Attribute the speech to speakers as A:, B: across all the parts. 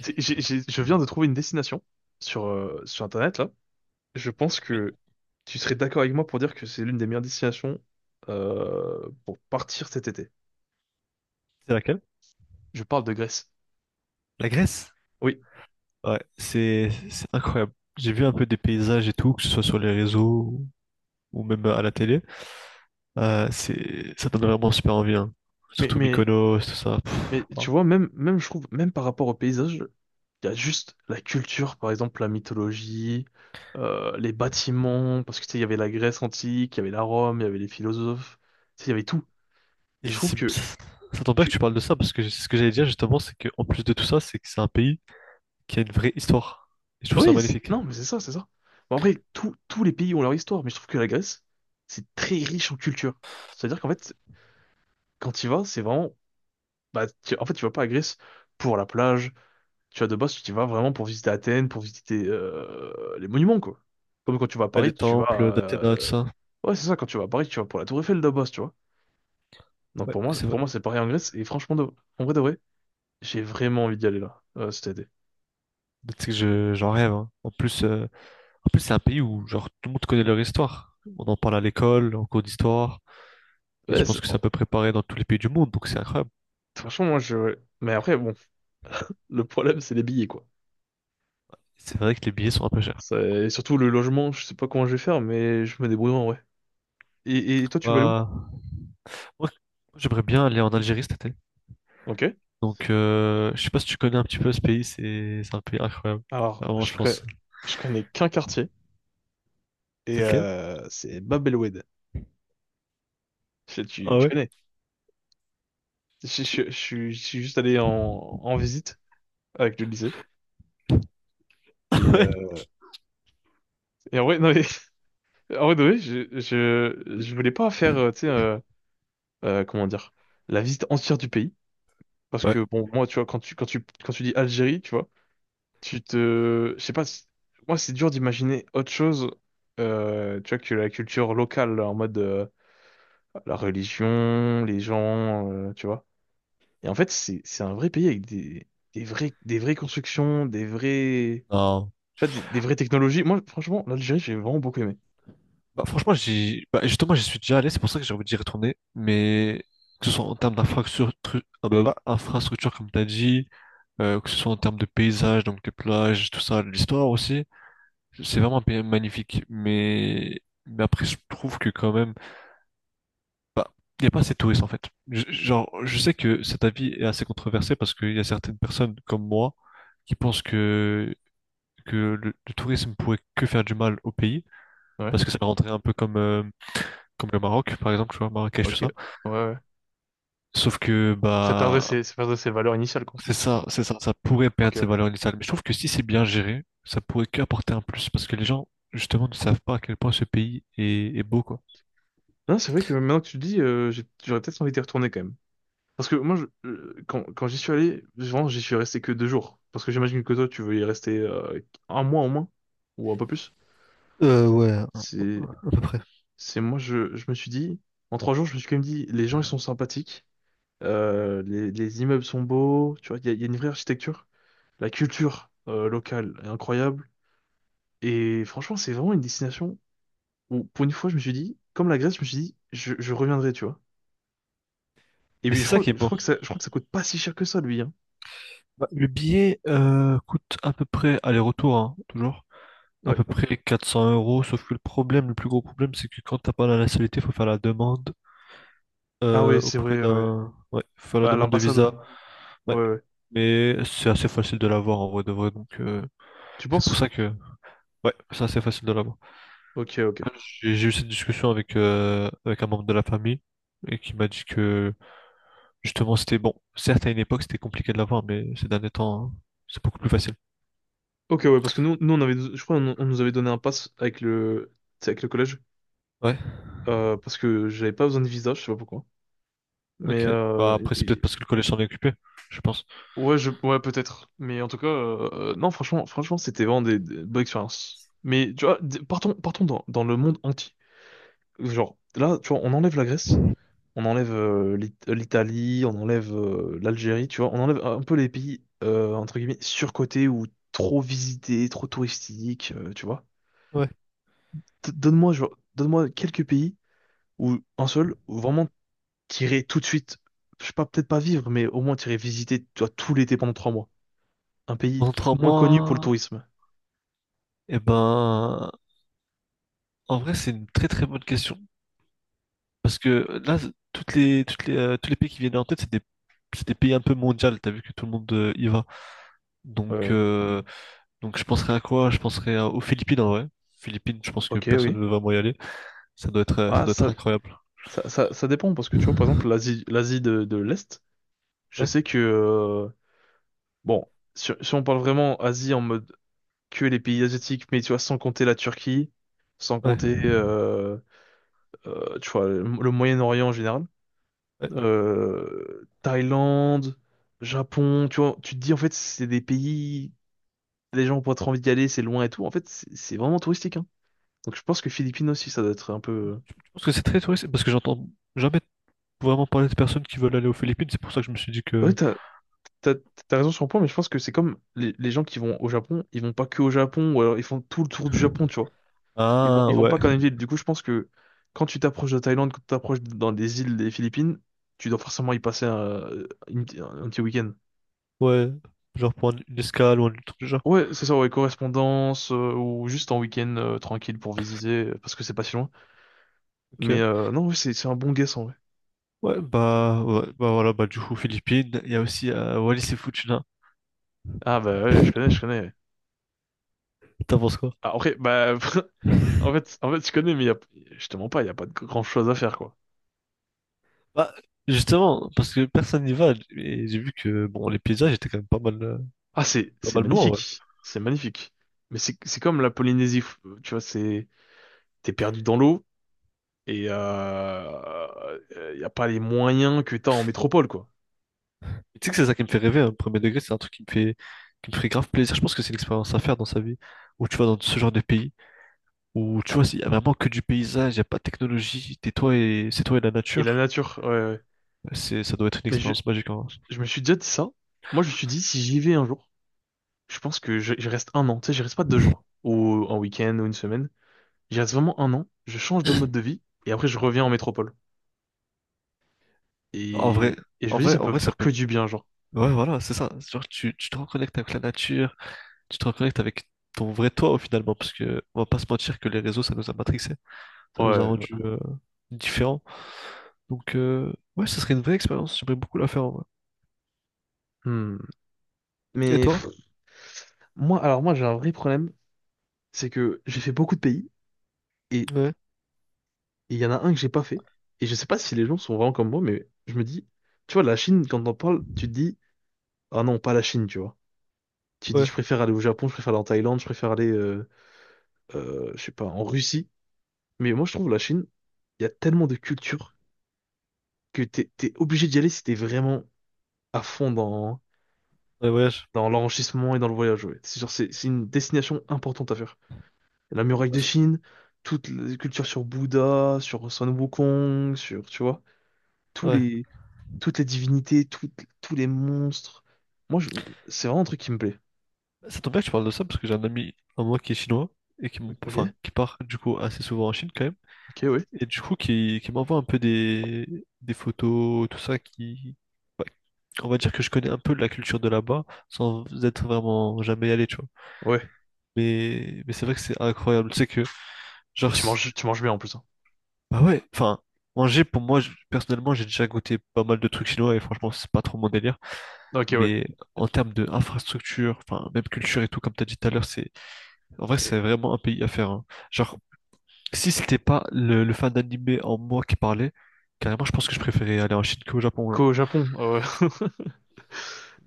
A: Je viens de trouver une destination sur, sur Internet, là. Je pense
B: Oui.
A: que tu serais d'accord avec moi pour dire que c'est l'une des meilleures destinations pour partir cet été.
B: C'est laquelle?
A: Je parle de Grèce.
B: La Grèce?
A: Oui,
B: Ouais, c'est incroyable. J'ai vu un peu des paysages et tout, que ce soit sur les réseaux ou ou même à la télé. C'est ça donne vraiment super envie, hein.
A: mais,
B: Surtout
A: mais,
B: Mykonos, tout ça.
A: mais
B: Pff,
A: tu
B: oh.
A: vois, même, je trouve, même par rapport au paysage, il y a juste la culture, par exemple la mythologie, les bâtiments, parce que tu sais, il y avait la Grèce antique, il y avait la Rome, il y avait les philosophes, tu sais, il y avait tout. Et
B: Et
A: je trouve
B: c'est-
A: que,
B: Ça tombe bien
A: que
B: que tu parles de ça parce que c'est ce que j'allais dire justement, c'est qu'en plus de tout ça, c'est que c'est un pays qui a une vraie histoire. Et je trouve ça
A: Oui,
B: magnifique.
A: non, mais c'est ça, c'est ça. Bon, après, tous tous les pays ont leur histoire, mais je trouve que la Grèce, c'est très riche en culture. C'est-à-dire qu'en fait, quand tu y vas, c'est vraiment. Bah, en fait, tu vas pas à Grèce pour la plage. Tu vas de base, tu y vas vraiment pour visiter Athènes, pour visiter les monuments, quoi. Comme quand tu vas à
B: Ouais, les
A: Paris, tu vas.
B: temples d'Athéna, tout
A: euh,
B: ça.
A: Ouais, c'est ça, quand tu vas à Paris, tu vas pour la Tour Eiffel de base, tu vois. Donc
B: Ouais,
A: pour moi,
B: c'est vrai.
A: pour moi, c'est pareil en Grèce, et franchement, en vrai de vrai, j'ai vraiment envie d'y aller là, cet été.
B: C'est que j'en rêve, hein. En plus c'est un pays où genre tout le monde connaît leur histoire. On en parle à l'école, en cours d'histoire. Et je pense que c'est à
A: Oh,
B: peu près pareil dans tous les pays du monde, donc c'est incroyable.
A: franchement, moi, je. Mais après, bon, le problème, c'est les billets, quoi.
B: C'est vrai que les billets sont un peu chers.
A: Et surtout le logement, je sais pas comment je vais faire, mais je me débrouille en vrai. Et toi, tu vas aller où?
B: Bah, moi, j'aimerais bien aller en Algérie cet été.
A: Ok.
B: Donc, je sais pas si tu connais un petit peu ce pays, c'est un pays incroyable.
A: Alors,
B: Vraiment, je pense.
A: je connais qu'un quartier, et
B: C'est lequel?
A: c'est Bab El Oued. Tu,
B: Ah
A: tu
B: ouais?
A: connais? Je suis juste allé en, en visite avec le lycée. Et,
B: Ouais.
A: euh, et en vrai, non, mais- en vrai, de vrai, je voulais pas faire, tu sais, comment dire, la visite entière du pays. Parce
B: Ouais.
A: que, bon, moi, tu vois, quand tu dis Algérie, tu vois, tu te... Je sais pas, moi c'est dur d'imaginer autre chose, tu vois, que la culture locale, là, en mode la religion, les gens, tu vois. Et en fait, c'est un vrai pays avec des vrais, des vraies constructions, des vrais...
B: Non.
A: Tu vois, des vraies technologies. Moi, franchement, l'Algérie, j'ai vraiment beaucoup aimé.
B: Bah, Bah, justement, j'y suis déjà allé, c'est pour ça que j'ai envie d'y retourner. Mais que ce soit en termes d'infrastructure, bah, infrastructure, comme tu as dit, que ce soit en termes de paysage, donc des plages, tout ça, de l'histoire aussi. C'est vraiment un pays magnifique, mais après, je trouve que quand même, bah, il n'y a pas assez de touristes en fait. Genre, je sais que cet avis est assez controversé parce qu'il y a certaines personnes comme moi qui pensent que le tourisme pourrait que faire du mal au pays
A: Ouais,
B: parce que ça rendrait un peu comme, comme le Maroc, par exemple, tu vois, Marrakech, tout
A: ok.
B: ça.
A: Ouais, ouais.
B: Sauf que, bah,
A: Ça perdrait ses valeurs initiales, quoi.
B: c'est ça, ça pourrait
A: Ok,
B: perdre ses
A: ouais.
B: valeurs initiales. Mais je trouve que si c'est bien géré, ça pourrait qu'apporter un plus parce que les gens, justement, ne savent pas à quel point ce pays est beau, quoi.
A: Non, c'est vrai que maintenant que tu le dis, j'aurais peut-être envie d'y retourner quand même. Parce que moi, quand, quand j'y suis allé, vraiment, j'y suis resté que deux jours. Parce que j'imagine que toi, tu veux y rester un mois au moins, ou un peu plus.
B: Ouais, à
A: C'est,
B: peu près.
A: c'est moi, je me suis dit, en trois jours, je me suis quand même dit, les gens, ils sont sympathiques, les immeubles sont beaux, tu vois, il y a il y a une vraie architecture. La culture locale est incroyable. Et franchement, c'est vraiment une destination où, pour une fois, je me suis dit, comme la Grèce, je me suis dit, je reviendrai, tu vois. Et
B: Mais
A: puis,
B: c'est ça qui est bon.
A: je crois que ça coûte pas si cher que ça, lui, hein.
B: Bah, le billet coûte à peu près aller-retour, hein, toujours, à
A: Ouais.
B: peu près 400 euros. Sauf que le problème, le plus gros problème, c'est que quand t'as pas la nationalité, faut faire la demande
A: Ah ouais, c'est vrai, ouais.
B: ouais, faut faire
A: Ouais,
B: la
A: à
B: demande de
A: l'ambassade.
B: visa.
A: Ouais,
B: Ouais,
A: ouais.
B: mais c'est assez facile de l'avoir en vrai de vrai. Donc
A: Tu
B: c'est pour
A: penses?
B: ça que, ouais, c'est assez facile de l'avoir.
A: Ok, ok.
B: J'ai eu cette discussion avec avec un membre de la famille. Et qui m'a dit que justement c'était bon. Certes, à une époque c'était compliqué de l'avoir, mais ces derniers temps, hein, c'est beaucoup plus facile.
A: Ok, ouais, parce que nous on avait, je crois, on nous avait donné un pass avec le, tu sais, avec le collège,
B: Ouais,
A: parce que j'avais pas besoin de visa, je sais pas pourquoi. Mais
B: ok. Bah après c'est peut-être parce que le collège s'en est occupé, je pense.
A: ouais, ouais, peut-être. Mais en tout cas, non, franchement, c'était vraiment des bonnes expériences. Mais tu vois, partons, partons dans, dans le monde entier. Genre, là, tu vois, on enlève la Grèce, on enlève l'Italie, on enlève l'Algérie, tu vois, on enlève un peu les pays entre guillemets surcotés ou trop visités, trop touristiques, tu vois.
B: Ouais.
A: Donne-moi, genre, donne-moi quelques pays où un seul, où vraiment t'irais tout de suite, je sais pas, peut-être pas vivre, mais au moins t'irais visiter, tu vois, tout l'été pendant trois mois. Un pays moins connu pour le
B: Contrairement,
A: tourisme.
B: eh ben, en vrai c'est une très très bonne question parce que là toutes les tous les pays qui viennent en tête c'est des pays un peu mondiaux. T'as vu que tout le monde y va. Donc
A: Euh,
B: je penserais à quoi? Aux Philippines en vrai. Philippines, je pense que
A: ok,
B: personne
A: oui.
B: ne veut vraiment y aller. Ça
A: Ah,
B: doit être incroyable.
A: ça dépend parce que tu vois, par exemple, l'Asie, de l'Est, je
B: Ouais,
A: sais que, bon, si on parle vraiment Asie en mode que les pays asiatiques, mais tu vois, sans compter la Turquie, sans
B: ouais,
A: compter, tu vois, le Moyen-Orient en général.
B: ouais.
A: Thaïlande, Japon, tu vois, tu te dis en fait c'est des pays, les gens ont pas trop envie d'y aller, c'est loin et tout. En fait, c'est vraiment touristique, hein. Donc je pense que Philippines aussi, ça doit être un peu.
B: Je pense que c'est très touristique parce que j'entends jamais vraiment parler de personnes qui veulent aller aux Philippines. C'est pour ça que je me suis dit
A: Ouais,
B: que
A: t'as, t'as raison sur un point, mais je pense que c'est comme les gens qui vont au Japon, ils vont pas que au Japon, ou alors ils font tout le tour du Japon, tu vois.
B: ah
A: Ils vont
B: ouais,
A: pas qu'en une ville. Du coup, je pense que quand tu t'approches de Thaïlande, quand tu t'approches dans des îles des Philippines, tu dois forcément y passer un, une- un petit week-end.
B: ouais, genre prendre une escale ou un truc du genre.
A: Ouais, c'est ça, ouais, correspondance, ou juste en week-end tranquille pour visiter, parce que c'est pas si loin. Mais
B: Ok.
A: non, ouais, c'est un bon guess en vrai.
B: Ouais, bah voilà, bah du coup Philippines, il y a aussi Wallis et Futuna.
A: Ah bah ouais, je connais, je connais. Ouais.
B: T'en penses quoi?
A: Ah, après, bah en fait, je connais, je te mens pas, il y a pas de grand-chose à faire quoi.
B: Bah justement, parce que personne n'y va, et j'ai vu que bon les paysages étaient quand même
A: Ah c'est
B: pas
A: c'est
B: mal bons, ouais.
A: magnifique, c'est magnifique. Mais c'est comme la Polynésie, tu vois, c'est t'es perdu dans l'eau et y a pas les moyens que t'as en métropole quoi.
B: Et tu sais que c'est ça qui me fait rêver, hein, premier degré, c'est un truc qui me fait qui me ferait grave plaisir. Je pense que c'est une expérience à faire dans sa vie, où tu vas dans ce genre de pays, où tu vois, il y a vraiment que du paysage, il n'y a pas de technologie, t'es toi et c'est toi et la
A: Et la
B: nature.
A: nature, ouais, ouais.
B: Ça doit être une
A: Mais
B: expérience magique en vrai.
A: je me suis déjà dit ça. Moi, je me suis dit si j'y vais un jour. Je pense que j'y reste un an. Tu sais, je reste pas deux jours. Ou un week-end ou une semaine. J'y reste vraiment un an. Je change de mode de vie. Et après, je reviens en métropole.
B: En vrai,
A: Et je me dis, ça
B: En
A: peut me
B: vrai, ça
A: faire que
B: peut.
A: du bien, genre.
B: Ouais, voilà, c'est ça. Genre, tu te reconnectes avec la nature, tu te reconnectes avec ton vrai toi, au finalement, parce que on va pas se mentir que les réseaux, ça nous a matrixés, ça nous a
A: Ouais.
B: rendus différents. Donc, ouais, ce serait une vraie expérience. J'aimerais beaucoup la faire en vrai.
A: Hmm.
B: Et
A: Mais pff,
B: toi?
A: moi, j'ai un vrai problème. C'est que j'ai fait beaucoup de pays. Et
B: Ouais,
A: il y en a un que j'ai pas fait. Et je sais pas si les gens sont vraiment comme moi, mais je me dis, tu vois, la Chine, quand on parle, tu te dis, ah non, pas la Chine, tu vois. Tu dis,
B: ouais,
A: je préfère aller au Japon, je préfère aller en Thaïlande, je sais pas, en Russie. Mais moi, je trouve la Chine, il y a tellement de culture que t'es obligé d'y aller si t'es vraiment à fond
B: ouais, voyage.
A: dans l'enrichissement et dans le voyage. Ouais. C'est genre, c'est une destination importante à faire. La muraille de Chine, toutes les cultures sur Bouddha, sur Sun Wukong, sur, tu vois, tous
B: Ouais.
A: les, toutes les divinités, toutes- tous les monstres. Moi, je- c'est vraiment un truc qui me plaît.
B: Ça tombe bien que tu parles de ça, parce que j'ai un ami à moi qui est chinois et enfin,
A: Ok,
B: qui part du coup assez souvent en Chine quand même.
A: ok, oui. Ouais.
B: Et du coup, qui m'envoie un peu des photos, tout ça, qui, ouais, on va dire que je connais un peu la culture de là-bas, sans être vraiment jamais allé, tu vois.
A: Ouais.
B: Mais c'est vrai que c'est incroyable, tu sais que,
A: Et
B: genre, c'est-
A: tu manges bien en plus. Hein.
B: bah ouais, enfin, manger, pour moi, je- personnellement, j'ai déjà goûté pas mal de trucs chinois, et franchement, c'est pas trop mon délire.
A: Ok, ouais.
B: Mais en termes d'infrastructure, enfin, même culture et tout, comme t'as dit tout à l'heure, c'est, en vrai, c'est
A: Et
B: vraiment un pays à faire, hein. Genre, si c'était pas le fan d'animé en moi qui parlait, carrément, je pense que je préférais aller en Chine qu'au Japon, genre.
A: qu'au Japon.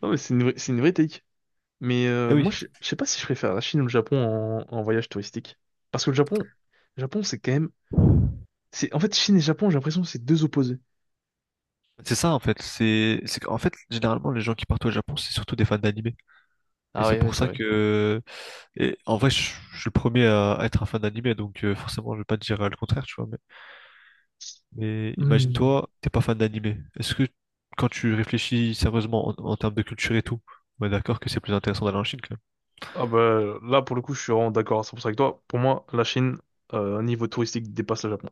A: non, mais c'est une vraie take. Mais
B: Eh
A: moi,
B: oui.
A: je sais pas si je préfère la Chine ou le Japon en, en voyage touristique. Parce que le Japon, c'est quand même. C'est, en fait, Chine et Japon, j'ai l'impression que c'est deux opposés.
B: C'est ça, en fait. Qu'en fait, généralement, les gens qui partent au Japon, c'est surtout des fans d'animé. Et
A: Ah
B: c'est
A: oui, oui,
B: pour
A: c'est
B: ça
A: vrai.
B: que, et en vrai, je suis le premier à être un fan d'animé, donc forcément, je vais pas te dire le contraire, tu vois. Mais
A: Hmm.
B: imagine-toi, t'es pas fan d'animé. Est-ce que, quand tu réfléchis sérieusement en termes de culture et tout, on est d'accord que c'est plus intéressant d'aller en Chine
A: Ah bah là, pour le coup, je suis vraiment d'accord à 100% avec toi. Pour moi, la Chine, niveau touristique, dépasse le Japon.